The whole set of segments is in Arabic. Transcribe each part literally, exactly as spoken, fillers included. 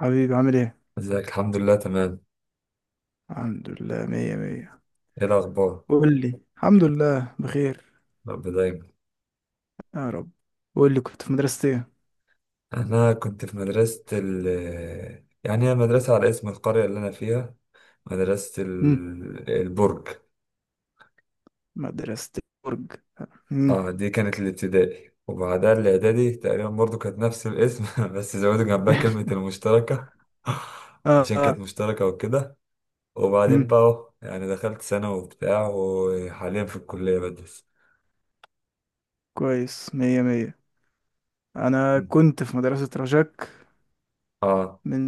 حبيبي عامل ايه؟ ازيك؟ الحمد لله تمام. الحمد لله، مية مية. ايه الاخبار؟ قول لي، الحمد لله بخير. رب دايما. يا رب. قول لي، كنت في مدرسة ايه؟ انا كنت في مدرسة ال يعني هي مدرسة على اسم القرية اللي انا فيها، مدرسة مم. ال... البرج. مدرسة برج. مم. اه، دي كانت الابتدائي وبعدها الاعدادي، تقريبا برضو كانت نفس الاسم بس زودوا جنبها كلمة المشتركة. اه عشان كانت آه. مشتركة وكده. وبعدين مم. بقى اهو يعني دخلت ثانوي وبتاع، وحاليا في الكلية بدرس. كويس، مية مية. انا كنت في مدرسة رجاك اه. من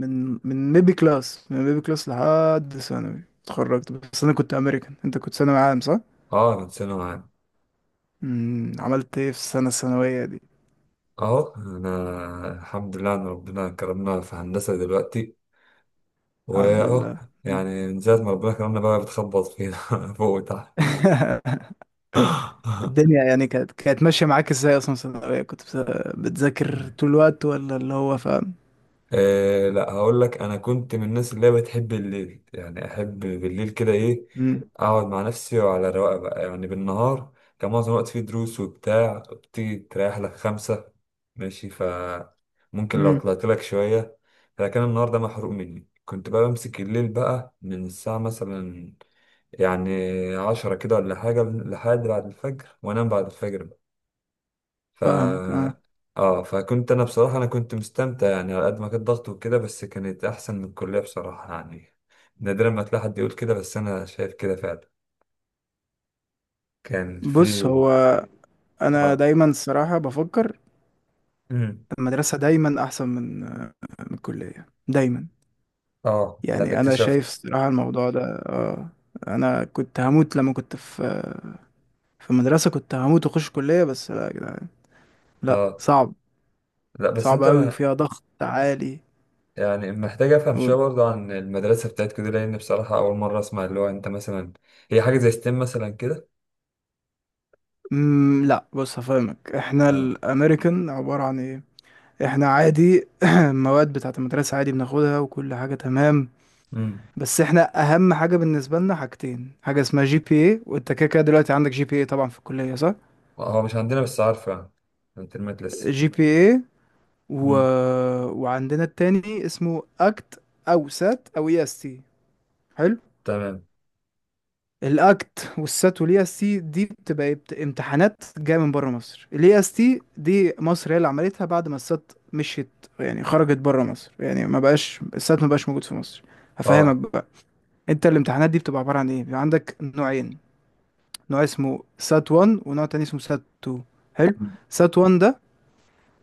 من من ميبي كلاس من ميبي كلاس لحد ثانوي اتخرجت، بس انا كنت امريكان. انت كنت ثانوي عام، صح؟ اه كنت ثانوي عام. مم. عملت ايه في السنة الثانوية دي؟ اهو انا الحمد لله ان ربنا كرمنا في هندسه دلوقتي الحمد واهو، لله. يعني من ساعه ما ربنا كرمنا بقى بتخبط فينا فوق وتحت. الدنيا يعني كانت كانت ماشية معاك ازاي؟ اصلا ثانوية كنت بس- بتذاكر طول الوقت ولا اللي هو فاهم؟ أه لا، هقول لك. انا كنت من الناس اللي هي بتحب الليل، يعني احب بالليل كده ايه، امم اقعد مع نفسي وعلى رواقه بقى. يعني بالنهار كان معظم الوقت فيه دروس وبتاع، بتيجي تريح لك خمسة ماشي، ف ممكن لو امم طلعت لك شوية. فكان النهار ده محروق مني، كنت بقى بمسك الليل بقى من الساعة مثلا، يعني، عشرة كده ولا حاجة لحد بعد الفجر، وانام بعد الفجر. ف فاهمك، اه. اه، فكنت انا بصراحة، انا كنت مستمتع، يعني على قد ما كان ضغط وكده بس كانت احسن من الكلية بصراحة. يعني نادرا ما تلاقي حد يقول كده بس انا شايف كده فعلا. كان في. بص، هو انا اه. دايما الصراحة بفكر امم. المدرسة دايما احسن من من الكلية دايما. اه، ده اللي يعني انا شايف اكتشفته. الصراحة الموضوع ده، اه. انا كنت هموت لما كنت في في المدرسة، كنت هموت واخش كلية. بس لا يا جدعان، لا، اه صعب. لا، بس صعب انت قوي ما، وفيها ضغط عالي. يعني محتاج افهم شويه برضه عن المدرسه بتاعتك دي، لان بصراحه اول مره اسمع اللي هو انت مثلا هي حاجه زي ستيم مثلا كده. مم، لا، بص هفهمك، احنا اه. الامريكان عبارة عن ايه. احنا عادي المواد بتاعت المدرسة عادي بناخدها، وكل حاجة تمام. امم. بس احنا اهم حاجة بالنسبة لنا حاجتين: حاجة اسمها جي بي اي، وانت كده كده دلوقتي عندك جي بي اي طبعا في الكلية، صح؟ هو مش عندنا بس عارفه، يعني الترمات لسه. جي بي اي و... امم. وعندنا التاني اسمه اكت او سات او اي اس تي. حلو. تمام. الاكت والسات والاي اس تي دي بتبقى بت- امتحانات جايه من بره مصر. الاي اس تي دي مصر هي اللي عملتها بعد ما السات مشيت، يعني خرجت بره مصر، يعني ما بقاش السات، ما بقاش موجود في مصر. هفهمك اه. بقى. انت الامتحانات دي بتبقى عباره عن ايه؟ بيبقى عندك نوعين: نوع اسمه سات 1، ونوع تاني اسمه سات 2. حلو. سات 1 ده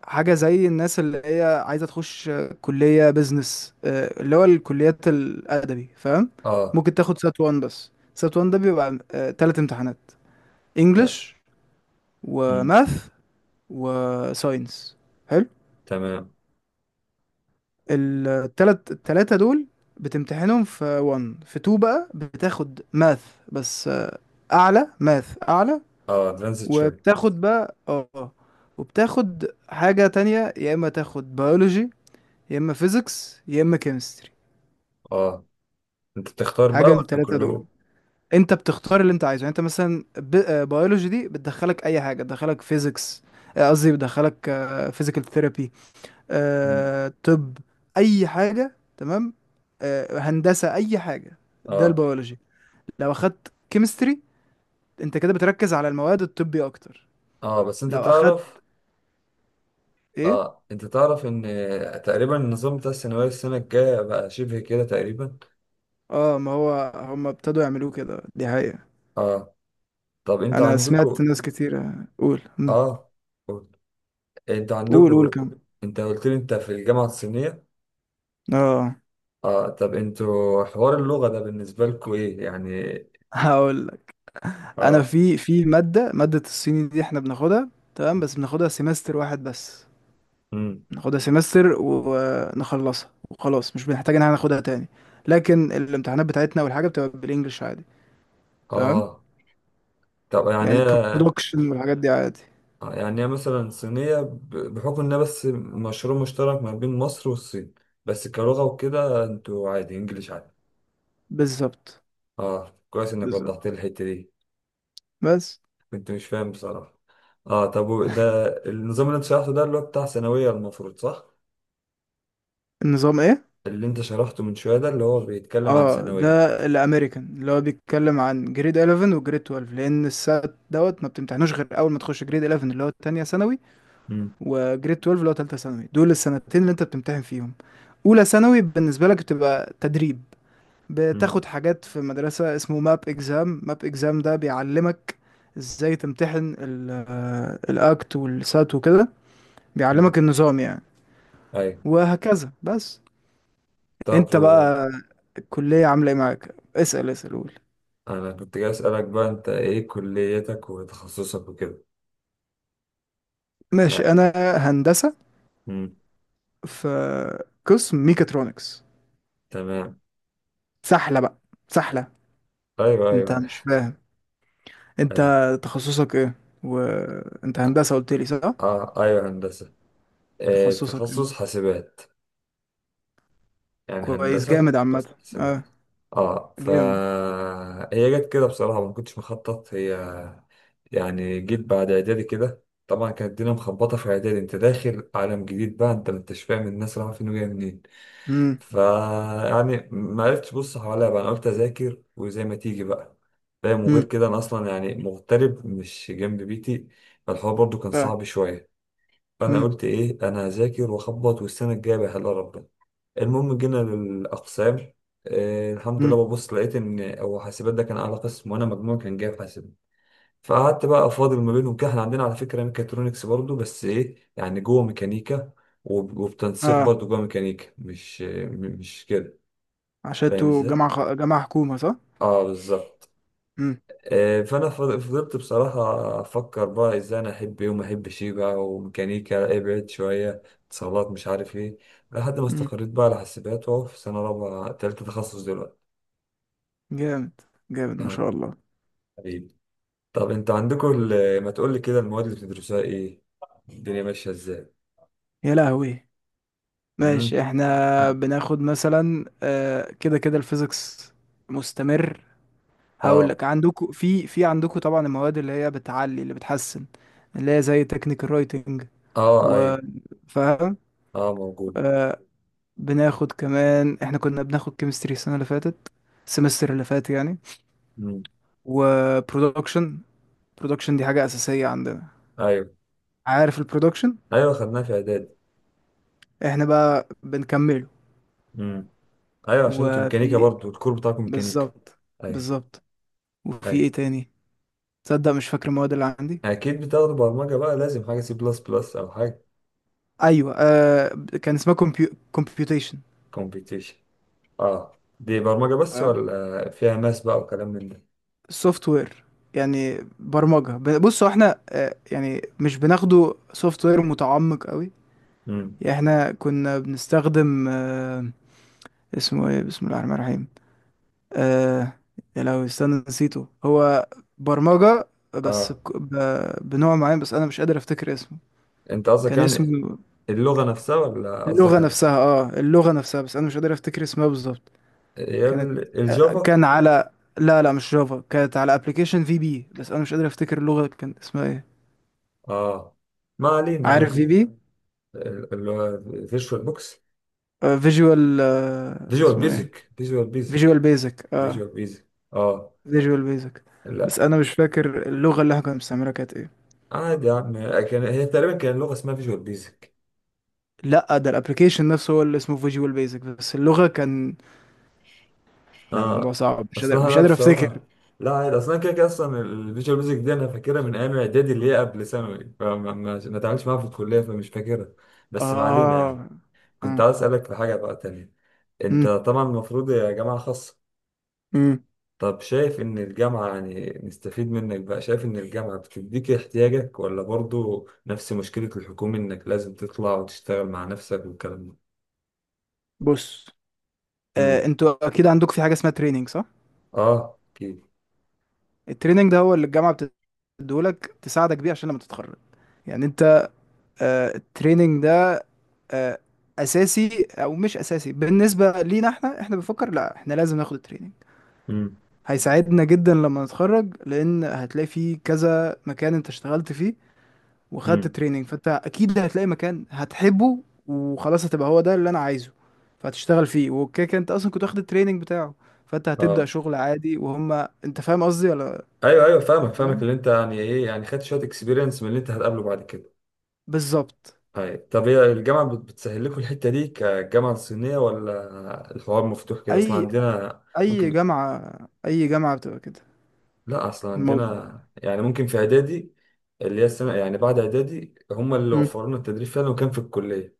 حاجه زي الناس اللي هي عايزه تخش آه، كليه بيزنس، آه، اللي هو الكليات الادبي، فاهم؟ اه. ممكن تاخد سات 1 بس. سات 1 ده بيبقى ثلاث امتحانات: انجلش، مم. وماث، وساينس. حلو. تمام. التلات التلاتة دول بتمتحنهم في 1. في 2 بقى بتاخد ماث بس، آه، اعلى، ماث اعلى، اه ادفانسد شوية. وبتاخد بقى اه وبتاخد حاجة تانية، يا اما تاخد بيولوجي، يا اما فيزيكس، يا اما كيمستري. اه. انت بتختار بقى حاجة من ولا التلاتة دول. كلهم؟ انت بتختار اللي انت عايزه. يعني انت مثلا بيولوجي دي بتدخلك اي حاجة، بتدخلك فيزيكس، قصدي بتدخلك فيزيكال ثيرابي، مم. آه، طب، اي حاجه، تمام؟ آه، هندسه، اي حاجه. ده اه. البيولوجي. لو اخدت كيمستري، انت كده بتركز على المواد الطبي اكتر. اه بس انت لو اخدت تعرف. ايه؟ اه انت تعرف ان تقريبا النظام بتاع الثانوية السنة الجاية بقى شبه كده تقريبا. اه، ما هو هم ابتدوا يعملوه كده، دي حقيقه. اه، طب انتوا انا عندكوا. سمعت ناس كتير. قول، مم. اه. قول. انتوا قول قول كم. عندكوا. انت قلت لي انت في الجامعة الصينية؟ اه. اه، طب انتوا حوار اللغة ده بالنسبة لكوا ايه يعني؟ هقول لك. انا اه. في في ماده ماده الصيني دي احنا بناخدها تمام، بس بناخدها سيمستر واحد بس. مم. ناخدها سمستر ونخلصها وخلاص، مش بنحتاج ان احنا ناخدها تاني. لكن الامتحانات بتاعتنا والحاجه بتبقى بالانجلش عادي، فاهم؟ اه، طب يعني، يعني برودكشن والحاجات دي عادي. آه، يعني هي مثلا صينية ب- بحكم إنها بس مشروع مشترك ما بين مصر والصين، بس كلغة وكده انتوا عادي انجليش عادي. بالظبط. اه، كويس انك بالظبط. وضحت لي الحتة دي. بس. كنت مش فاهم بصراحة. اه، طب و- ده النظام اللي انت شرحته ده اللي هو بتاع ثانوية المفروض صح؟ النظام ايه؟ اللي انت شرحته من شوية ده اللي هو بيتكلم عن اه، ثانوية. ده الامريكان اللي هو بيتكلم عن جريد 11 وجريد جريد اثنا عشر، لان السات دوت ما بتمتحنوش غير اول ما تخش جريد 11 اللي هو تانية ثانوي، امم. وجريد جريد اتناشر اللي هو تالتة ثانوي. دول السنتين اللي انت بتمتحن فيهم. اولى ثانوي بالنسبه لك بتبقى تدريب. امم. بتاخد حاجات في مدرسة اسمه ماب اكزام. ماب اكزام ده بيعلمك ازاي تمتحن ال- آه، الاكت والسات وكده. امم. بيعلمك النظام يعني. ايوه. وهكذا بس. طب انت و... بقى الكلية عاملة ايه معاك؟ اسأل اسأل، قول. انا كنت جاي اسألك بقى، انت ايه كليتك وتخصصك وكده؟ لا. ماشي. انا هندسة، امم. في قسم ميكاترونكس. تمام. سحلة بقى، سحلة. ايوه انت ايوه. مش فاهم. انت ايوه. تخصصك ايه؟ وانت هندسة قلت لي، صح؟ اه ايوه هندسة. آه تخصصك تخصص ايه؟ حاسبات. يعني كويس، هندسة جامد عامة، قسم اه. حاسبات. اه. ف جامد. هي جت كده بصراحة، ما كنتش مخطط. هي يعني جيت بعد اعدادي كده، طبعا كانت الدنيا مخبطة في اعدادي، انت داخل عالم جديد بقى، انت ما انتش فاهم الناس رايحة فين وجاية منين. امم ف يعني ما عرفتش ابص حواليا بقى، انا قلت اذاكر وزي ما تيجي بقى، فاهم. وغير كده انا اصلا يعني مغترب مش جنب بيتي، فالحوار برضو كان ف. صعب شوية. فانا مم. قلت ايه، انا هذاكر واخبط والسنه الجايه بحلها ربنا. المهم جينا للاقسام. آه، الحمد مم. لله ببص لقيت ان هو حاسبات ده كان اعلى قسم وانا مجموعي كان جايب حاسبات. فقعدت بقى فاضل ما بينهم كده. احنا عندنا على فكره ميكاترونكس برضو بس ايه يعني جوه ميكانيكا، وب- وبتنسيق اه، برضو جوه ميكانيكا مش آه، م- مش كده. عشان فاهم انتوا ازاي؟ جامعة خ... جامعة حكومة، صح؟ اه بالظبط. مم. آه، فانا فض- فضلت بصراحه افكر بقى ازاي انا احب ايه وما احبش ايه بقى، وميكانيكا ابعد شويه، اتصالات مش عارف ايه، لحد ما مم. استقريت بقى على حاسبات واهو في سنه رابعه تالتة تخصص دلوقتي. جامد جامد ما اه. شاء الله. حبيبي. طب انت عندكم ال- ما تقول لي كده المواد اللي بتدرسوها ايه؟ الدنيا ماشيه ازاي؟ يا لهوي. مم. ماشي، احنا بناخد مثلا آه كده كده الفيزيكس مستمر. هقول اه. لك، عندكم في في عندكم طبعا المواد اللي هي بتعلي اللي بتحسن، اللي هي زي تكنيكال رايتنج، اه و، ايوه. فاهم؟ اه موجود. آه. بناخد كمان، احنا كنا بناخد كيمستري السنة اللي فاتت، السمستر اللي فات يعني. مم. وبرودكشن. البرودكشن دي حاجة أساسية عندنا، ايوه. عارف البرودكشن؟ ايوه خدناها في اعداد. احنا بقى بنكمله. مم. ايوه عشان انتوا ميكانيكا وفي، برضو الكور بتاعكم ميكانيكا. بالظبط. ايوه. بالظبط. وفي ايوه. ايه تاني؟ تصدق مش فاكر المواد اللي عندي. اكيد بتاخدوا برمجة بقى، لازم حاجة سي بلس بلس او حاجة. ايوه، آه. كان اسمها كومبيو... كومبيوتيشن. كومبيتيشن. اه دي برمجة بس ولا فيها ماس بقى وكلام من ده؟ سوفت وير يعني. برمجة، ب- بصوا احنا، آه يعني مش بناخده سوفت وير متعمق قوي. امم. يعني احنا كنا بنستخدم، آه اسمه ايه، بسم الله الرحمن الرحيم، آه. يا، لو استنى، نسيته هو. برمجة، بس اه بك- ب... بنوع معين، بس أنا مش قادر أفتكر اسمه. انت قصدك، كان يعني اسمه. اللغة نفسها ولا قصدك اللغة على. نفسها، اه، اللغة نفسها بس أنا مش قادر أفتكر اسمها بالظبط. هي كانت، ال- آه، الجافا؟ كان على، لا لا، مش جافا، كانت على ابلكيشن في بي، بس أنا مش قادر أفتكر اللغة كان اسمها ايه. اه ما علينا، انا عارف في كنت بي، اللي هو فيجوال بوكس. فيجوال. فيجوال اسمه ايه؟ بيزك. فيجوال فيجوال بيزك. بيزك، اه. فيجوال بيزك. اه. فيجوال بيزك. بس لا أنا مش فاكر اللغة اللي احنا كنا بنستعملها كانت ايه. عادي يا عم، كان هي تقريبا كان لغة اسمها فيجوال بيزك. لا، ده الابلكيشن نفسه هو اللي اسمه فيجوال بيزك، بس اللغة كان. لا، الموضوع اه صعب، مش قادر اصلها مش لا قادر افتكر. بصراحه. لا عادي، اصلا كده كده اصلا الفيجوال بيزك دي انا فاكرها من ايام اعدادي اللي هي قبل ثانوي، فما ما ما اتعاملتش معاها في الكليه فمش فاكرها. بس ما علينا يعني. اه كنت اه. عايز اسالك في حاجه بقى تانية. انت امم طبعا المفروض يا جامعه خاصه. امم. طب شايف ان الجامعه، يعني نستفيد منك بقى، شايف ان الجامعه بتديك احتياجك ولا برضو نفس مشكله الحكومه انك لازم تطلع وتشتغل مع نفسك والكلام ده؟ بص، آه. امم. انتوا اكيد عندكم في حاجة اسمها تريننج، صح؟ اه اكيد. التريننج ده هو اللي الجامعة بتديهولك تساعدك بيه عشان لما تتخرج. يعني انت، آه التريننج ده، آه اساسي او مش اساسي؟ بالنسبة لينا احنا، احنا بنفكر، لا احنا لازم ناخد التريننج. امم. هيساعدنا جدا لما نتخرج، لان هتلاقي فيه كذا مكان انت اشتغلت فيه وخدت امم. تريننج، فانت اكيد هتلاقي مكان هتحبه وخلاص، هتبقى هو ده اللي انا عايزه، فهتشتغل فيه. وكده كده انت اصلا كنت واخد التريننج بتاعه، فانت هتبدأ اه شغل عادي وهم. انت فاهم قصدي ولا؟ ايوه ايوه، فاهمك فاهمك، تمام؟ اللي انت يعني ايه، يعني خدت شويه اكسبيرينس من اللي انت هتقابله بعد كده. بالظبط. طيب طب هي الجامعه بت- بتسهل لكم الحته دي كجامعه صينيه، ولا الحوار مفتوح كده اصلا اي عندنا اي ممكن؟ جامعة. اي جامعة بتبقى كده، لا اصلا الموضوع. عندنا يعني ممكن في اعدادي اللي هي السنه يعني بعد اعدادي هم اللي مم. وفروا لنا التدريب فعلا، وكان في الكليه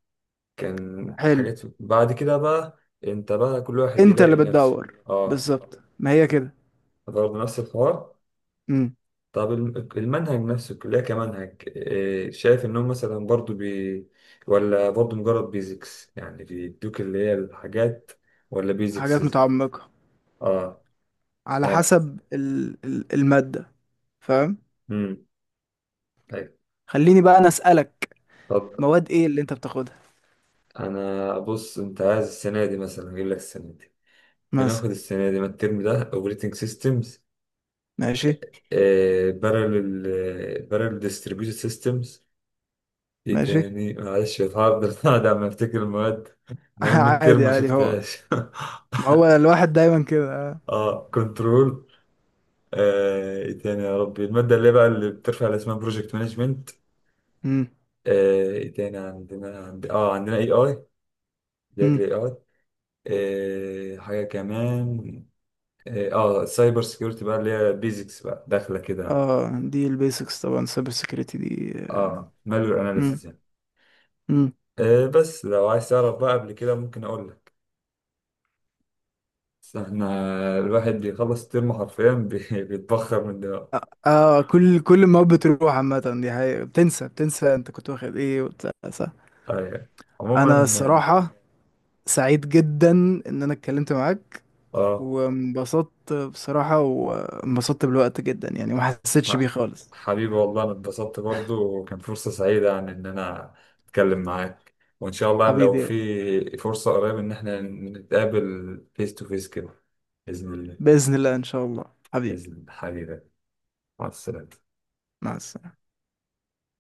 كان حلو. حاجات بعد كده بقى. انت بقى كل واحد انت يلاقي اللي لنفسه. بتدور. اه بالظبط، ما هي كده. برضه نفس الحوار. مم. طب الم- المنهج نفسه الكلية كمنهج إيه، شايف إنهم مثلا برضو بي، ولا برضو مجرد بيزكس يعني بيدوك اللي هي الحاجات، ولا بيزكس. حاجات متعمقة، اه، على يعني. حسب ال... ال- المادة، فاهم؟ امم. أيوة. خليني بقى انا اسألك، طب مواد ايه اللي انت بتاخدها أنا بص، أنت عايز السنة دي مثلا أجيب لك السنة دي. مثلا؟ بناخد السنة دي، ما الترم ده أوبريتنج سيستمز، ماشي. بارل، بارل ديستريبيوتد سيستمز، إيه ماشي. تاني معلش، هفضل قاعد عم أفتكر المواد. نعمل ميد ترم عادي ما عادي هو. شفتهاش. هو الواحد دايما كده. اه كنترول. آه، ايه تاني يا ربي، المادة اللي بقى اللي بترفع اللي اسمها بروجكت مانجمنت. امم، ايه تاني عندنا، عند... اه عندنا اي اي، بداية امم. الاي اي. آه، حاجة كمان. اه آه، السايبر سيكيورتي بقى اللي هي بيزكس بقى داخلة كده. اه، دي البيسكس طبعا، سايبر سيكيورتي دي. اه مالور اناليسيس امم، يعني. امم. آه، بس لو عايز تعرف بقى قبل كده ممكن اقول لك. بس احنا الواحد بيخلص الترم حرفيا بي- بيتبخر من ده. اه، آه، كل كل ما بتروح عامة دي حقيقة، بتنسى بتنسى انت كنت واخد ايه وبتاع، صح؟ آه، يعني. انا عموما. الصراحة سعيد جدا ان انا اتكلمت معاك، اه آه. وانبسطت بصراحة، وانبسطت بالوقت جدا، يعني ما حسيتش بيه ح- خالص. حبيبي والله انا اتبسطت برضو، وكان فرصة سعيدة يعني ان انا اتكلم معاك، وان شاء الله لو حبيبي. في فرصة قريب ان احنا نتقابل فيس تو فيس كده. بإذن الله. بإذن الله، ان شاء الله. حبيبي. بإذن الله حبيبي. مع السلامة. مع السلامة.